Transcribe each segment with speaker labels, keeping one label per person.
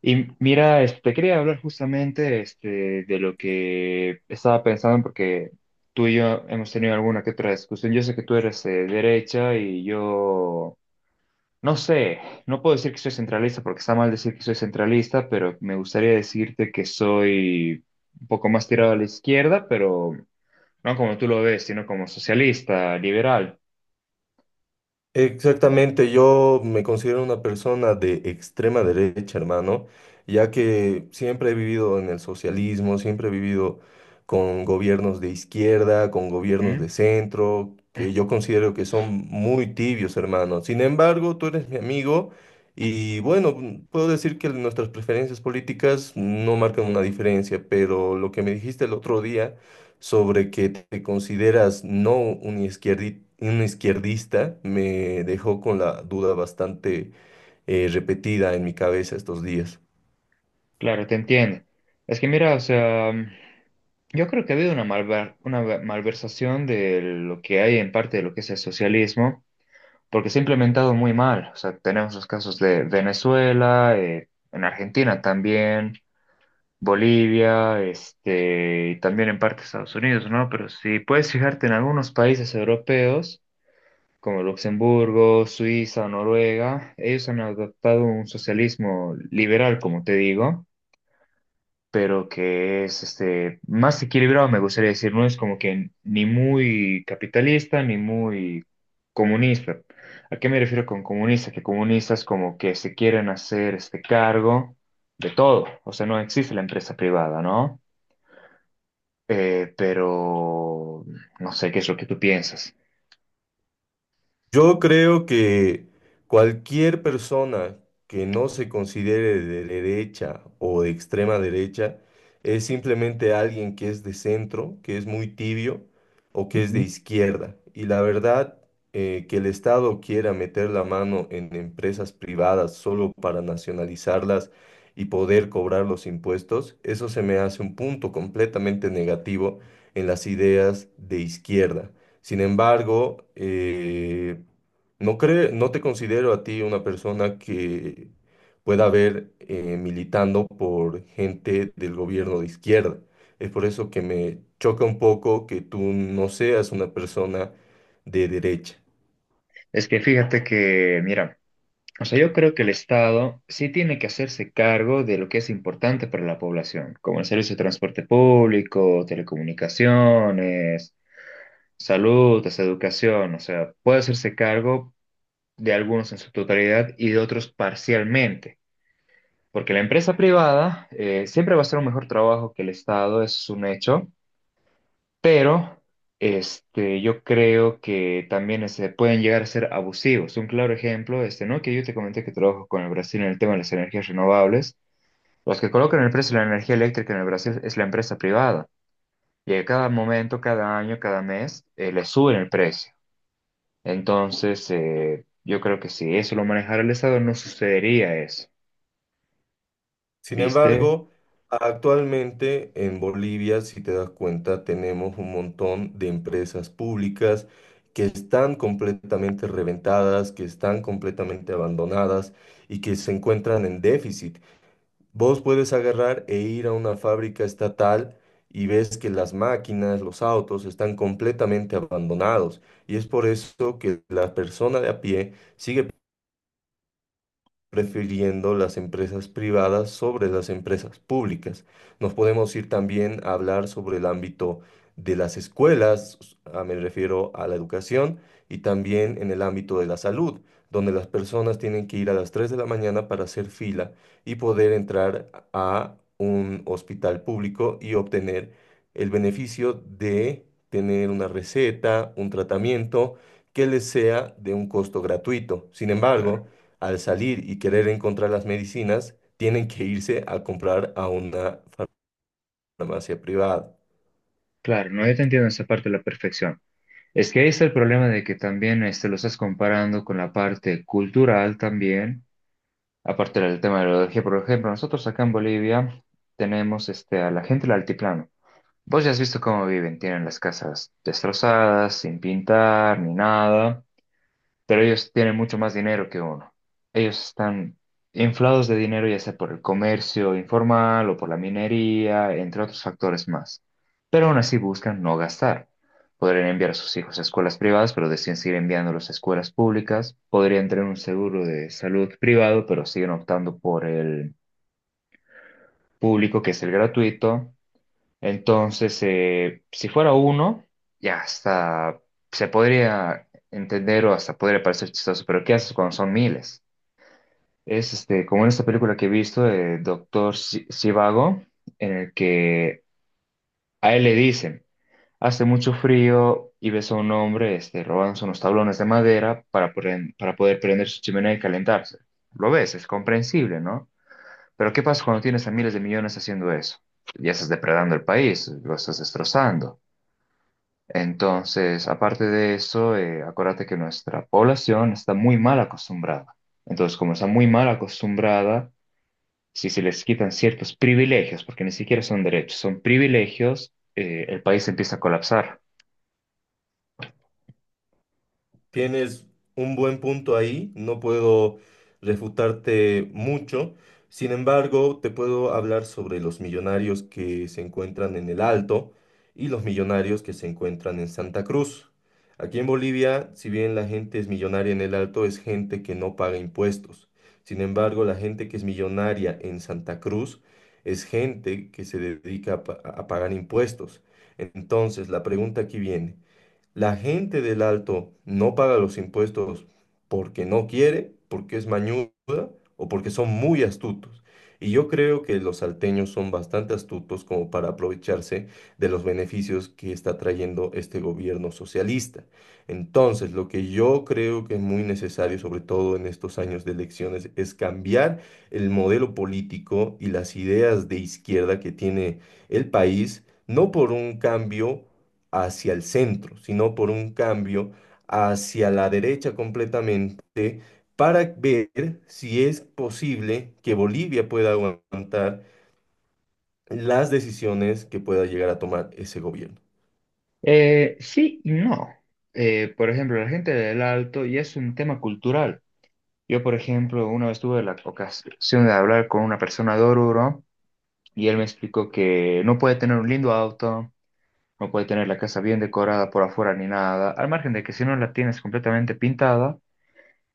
Speaker 1: Y mira, te quería hablar justamente de lo que estaba pensando, porque tú y yo hemos tenido alguna que otra discusión. Yo sé que tú eres derecha y yo, no sé, no puedo decir que soy centralista porque está mal decir que soy centralista, pero me gustaría decirte que soy un poco más tirado a la izquierda, pero no como tú lo ves, sino como socialista, liberal.
Speaker 2: Exactamente, yo me considero una persona de extrema derecha, hermano, ya que siempre he vivido en el socialismo, siempre he vivido con gobiernos de izquierda, con gobiernos
Speaker 1: Ujú.
Speaker 2: de centro, que yo considero que son muy tibios, hermano. Sin embargo, tú eres mi amigo y bueno, puedo decir que nuestras preferencias políticas no marcan una diferencia, pero lo que me dijiste el otro día sobre que te consideras no un un izquierdista me dejó con la duda bastante repetida en mi cabeza estos días.
Speaker 1: Claro, te entiendo. Es que mira, o sea. Yo creo que ha habido una malversación de lo que hay en parte de lo que es el socialismo, porque se ha implementado muy mal. O sea, tenemos los casos de Venezuela, en Argentina también, Bolivia, y también en parte Estados Unidos, ¿no? Pero si puedes fijarte en algunos países europeos, como Luxemburgo, Suiza, o Noruega, ellos han adoptado un socialismo liberal, como te digo, pero que es más equilibrado, me gustaría decir, no es como que ni muy capitalista ni muy comunista. ¿A qué me refiero con comunista? Que comunistas como que se quieren hacer cargo de todo, o sea, no existe la empresa privada, ¿no? Pero no sé qué es lo que tú piensas.
Speaker 2: Yo creo que cualquier persona que no se considere de derecha o de extrema derecha es simplemente alguien que es de centro, que es muy tibio o que es de
Speaker 1: Ujú.
Speaker 2: izquierda. Y la verdad, que el Estado quiera meter la mano en empresas privadas solo para nacionalizarlas y poder cobrar los impuestos, eso se me hace un punto completamente negativo en las ideas de izquierda. Sin embargo, no te considero a ti una persona que pueda ver militando por gente del gobierno de izquierda. Es por eso que me choca un poco que tú no seas una persona de derecha.
Speaker 1: Es que fíjate que, mira, o sea, yo creo que el Estado sí tiene que hacerse cargo de lo que es importante para la población, como el servicio de transporte público, telecomunicaciones, salud, educación. O sea, puede hacerse cargo de algunos en su totalidad y de otros parcialmente. Porque la empresa privada siempre va a hacer un mejor trabajo que el Estado, eso es un hecho, pero yo creo que también se pueden llegar a ser abusivos. Un claro ejemplo, ¿no? Que yo te comenté que trabajo con el Brasil en el tema de las energías renovables. Los que colocan el precio de la energía eléctrica en el Brasil es la empresa privada. Y a cada momento, cada año, cada mes, le suben el precio. Entonces, yo creo que si eso lo manejara el Estado, no sucedería eso.
Speaker 2: Sin
Speaker 1: ¿Viste?
Speaker 2: embargo, actualmente en Bolivia, si te das cuenta, tenemos un montón de empresas públicas que están completamente reventadas, que están completamente abandonadas y que se encuentran en déficit. Vos puedes agarrar e ir a una fábrica estatal y ves que las máquinas, los autos están completamente abandonados. Y es por eso que la persona de a pie sigue prefiriendo las empresas privadas sobre las empresas públicas. Nos podemos ir también a hablar sobre el ámbito de las escuelas, me refiero a la educación, y también en el ámbito de la salud, donde las personas tienen que ir a las 3 de la mañana para hacer fila y poder entrar a un hospital público y obtener el beneficio de tener una receta, un tratamiento que les sea de un costo gratuito. Sin
Speaker 1: Claro.
Speaker 2: embargo, al salir y querer encontrar las medicinas, tienen que irse a comprar a una farmacia privada.
Speaker 1: Claro, no, yo te entiendo esa parte de la perfección. Es que ahí está el problema de que también lo estás comparando con la parte cultural también, aparte del tema de la ideología. Por ejemplo, nosotros acá en Bolivia tenemos a la gente del altiplano. Vos ya has visto cómo viven, tienen las casas destrozadas, sin pintar ni nada, pero ellos tienen mucho más dinero que uno. Ellos están inflados de dinero, ya sea por el comercio informal o por la minería, entre otros factores más. Pero aún así buscan no gastar. Podrían enviar a sus hijos a escuelas privadas, pero deciden seguir enviándolos a escuelas públicas. Podrían tener un seguro de salud privado, pero siguen optando por el público, que es el gratuito. Entonces, si fuera uno, ya hasta se podría entender o hasta podría parecer chistoso, pero ¿qué haces cuando son miles? Es como en esta película que he visto, de Doctor Sivago, en el que a él le dicen, hace mucho frío y ves a un hombre robándose unos tablones de madera para poder prender su chimenea y calentarse. Lo ves, es comprensible, ¿no? Pero ¿qué pasa cuando tienes a miles de millones haciendo eso? Ya estás depredando el país, lo estás destrozando. Entonces, aparte de eso, acuérdate que nuestra población está muy mal acostumbrada. Entonces, como está muy mal acostumbrada, si se les quitan ciertos privilegios, porque ni siquiera son derechos, son privilegios, el país empieza a colapsar.
Speaker 2: Tienes un buen punto ahí, no puedo refutarte mucho. Sin embargo, te puedo hablar sobre los millonarios que se encuentran en el Alto y los millonarios que se encuentran en Santa Cruz. Aquí en Bolivia, si bien la gente es millonaria en el Alto, es gente que no paga impuestos. Sin embargo, la gente que es millonaria en Santa Cruz es gente que se dedica a a pagar impuestos. Entonces, la pregunta aquí viene. La gente del Alto no paga los impuestos porque no quiere, porque es mañuda o porque son muy astutos. Y yo creo que los salteños son bastante astutos como para aprovecharse de los beneficios que está trayendo este gobierno socialista. Entonces, lo que yo creo que es muy necesario, sobre todo en estos años de elecciones, es cambiar el modelo político y las ideas de izquierda que tiene el país, no por un cambio hacia el centro, sino por un cambio hacia la derecha completamente para ver si es posible que Bolivia pueda aguantar las decisiones que pueda llegar a tomar ese gobierno.
Speaker 1: Sí y no. Por ejemplo, la gente del Alto ya es un tema cultural. Yo, por ejemplo, una vez tuve la ocasión de hablar con una persona de Oruro y él me explicó que no puede tener un lindo auto. No puede tener la casa bien decorada por afuera ni nada. Al margen de que si no la tienes completamente pintada,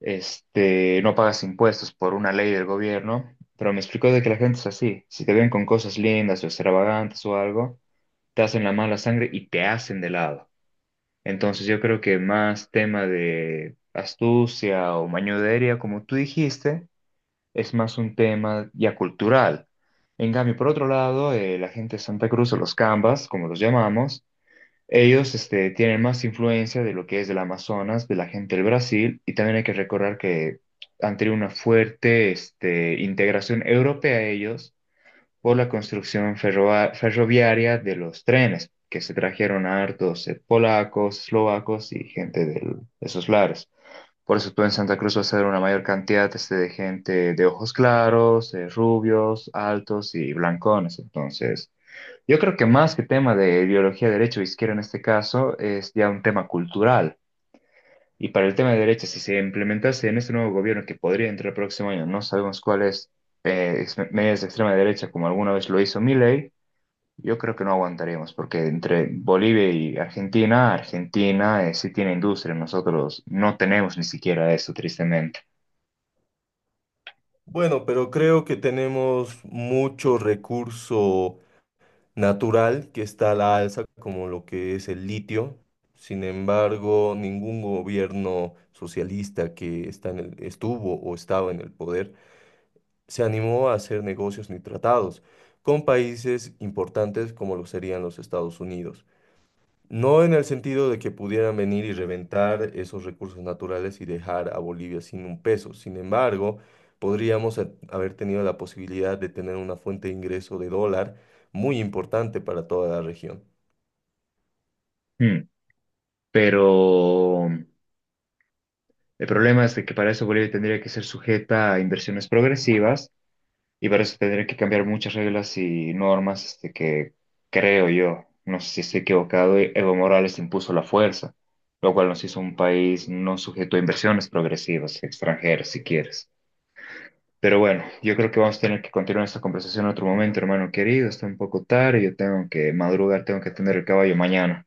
Speaker 1: no pagas impuestos por una ley del gobierno. Pero me explicó de que la gente es así. Si te ven con cosas lindas o extravagantes o algo, te hacen la mala sangre y te hacen de lado. Entonces yo creo que más tema de astucia o mañodería, como tú dijiste, es más un tema ya cultural. En cambio, por otro lado, la gente de Santa Cruz o los cambas, como los llamamos, ellos tienen más influencia de lo que es del Amazonas, de la gente del Brasil, y también hay que recordar que han tenido una fuerte integración europea ellos, por la construcción ferroviaria de los trenes, que se trajeron a hartos polacos, eslovacos y gente de esos lares. Por eso tú en Santa Cruz vas a ver una mayor cantidad de gente de ojos claros, rubios, altos y blancones. Entonces, yo creo que más que tema de ideología de derecha o izquierda en este caso, es ya un tema cultural. Y para el tema de derecha, si se implementase en este nuevo gobierno que podría entrar el próximo año, no sabemos cuáles medidas de extrema derecha, como alguna vez lo hizo Milei, yo creo que no aguantaríamos, porque entre Bolivia y Argentina, Argentina sí tiene industria, nosotros no tenemos ni siquiera eso, tristemente.
Speaker 2: Bueno, pero creo que tenemos mucho recurso natural que está a la alza, como lo que es el litio. Sin embargo, ningún gobierno socialista que está en estuvo o estaba en el poder se animó a hacer negocios ni tratados con países importantes como lo serían los Estados Unidos. No en el sentido de que pudieran venir y reventar esos recursos naturales y dejar a Bolivia sin un peso. Sin embargo, podríamos haber tenido la posibilidad de tener una fuente de ingreso de dólar muy importante para toda la región.
Speaker 1: Hmm. Pero el problema es de que para eso Bolivia tendría que ser sujeta a inversiones progresivas. Y para eso tendría que cambiar muchas reglas y normas que creo yo, no sé si estoy equivocado, Evo Morales impuso la fuerza, lo cual nos hizo un país no sujeto a inversiones progresivas extranjeras, si quieres. Pero bueno, yo creo que vamos a tener que continuar esta conversación en otro momento, hermano querido. Está un poco tarde, yo tengo que madrugar, tengo que atender el caballo mañana.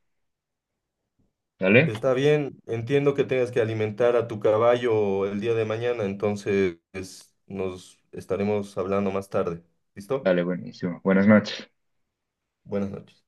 Speaker 1: ¿Dale?
Speaker 2: Está bien, entiendo que tengas que alimentar a tu caballo el día de mañana, entonces nos estaremos hablando más tarde. ¿Listo?
Speaker 1: Dale, buenísimo. Buenas noches.
Speaker 2: Buenas noches.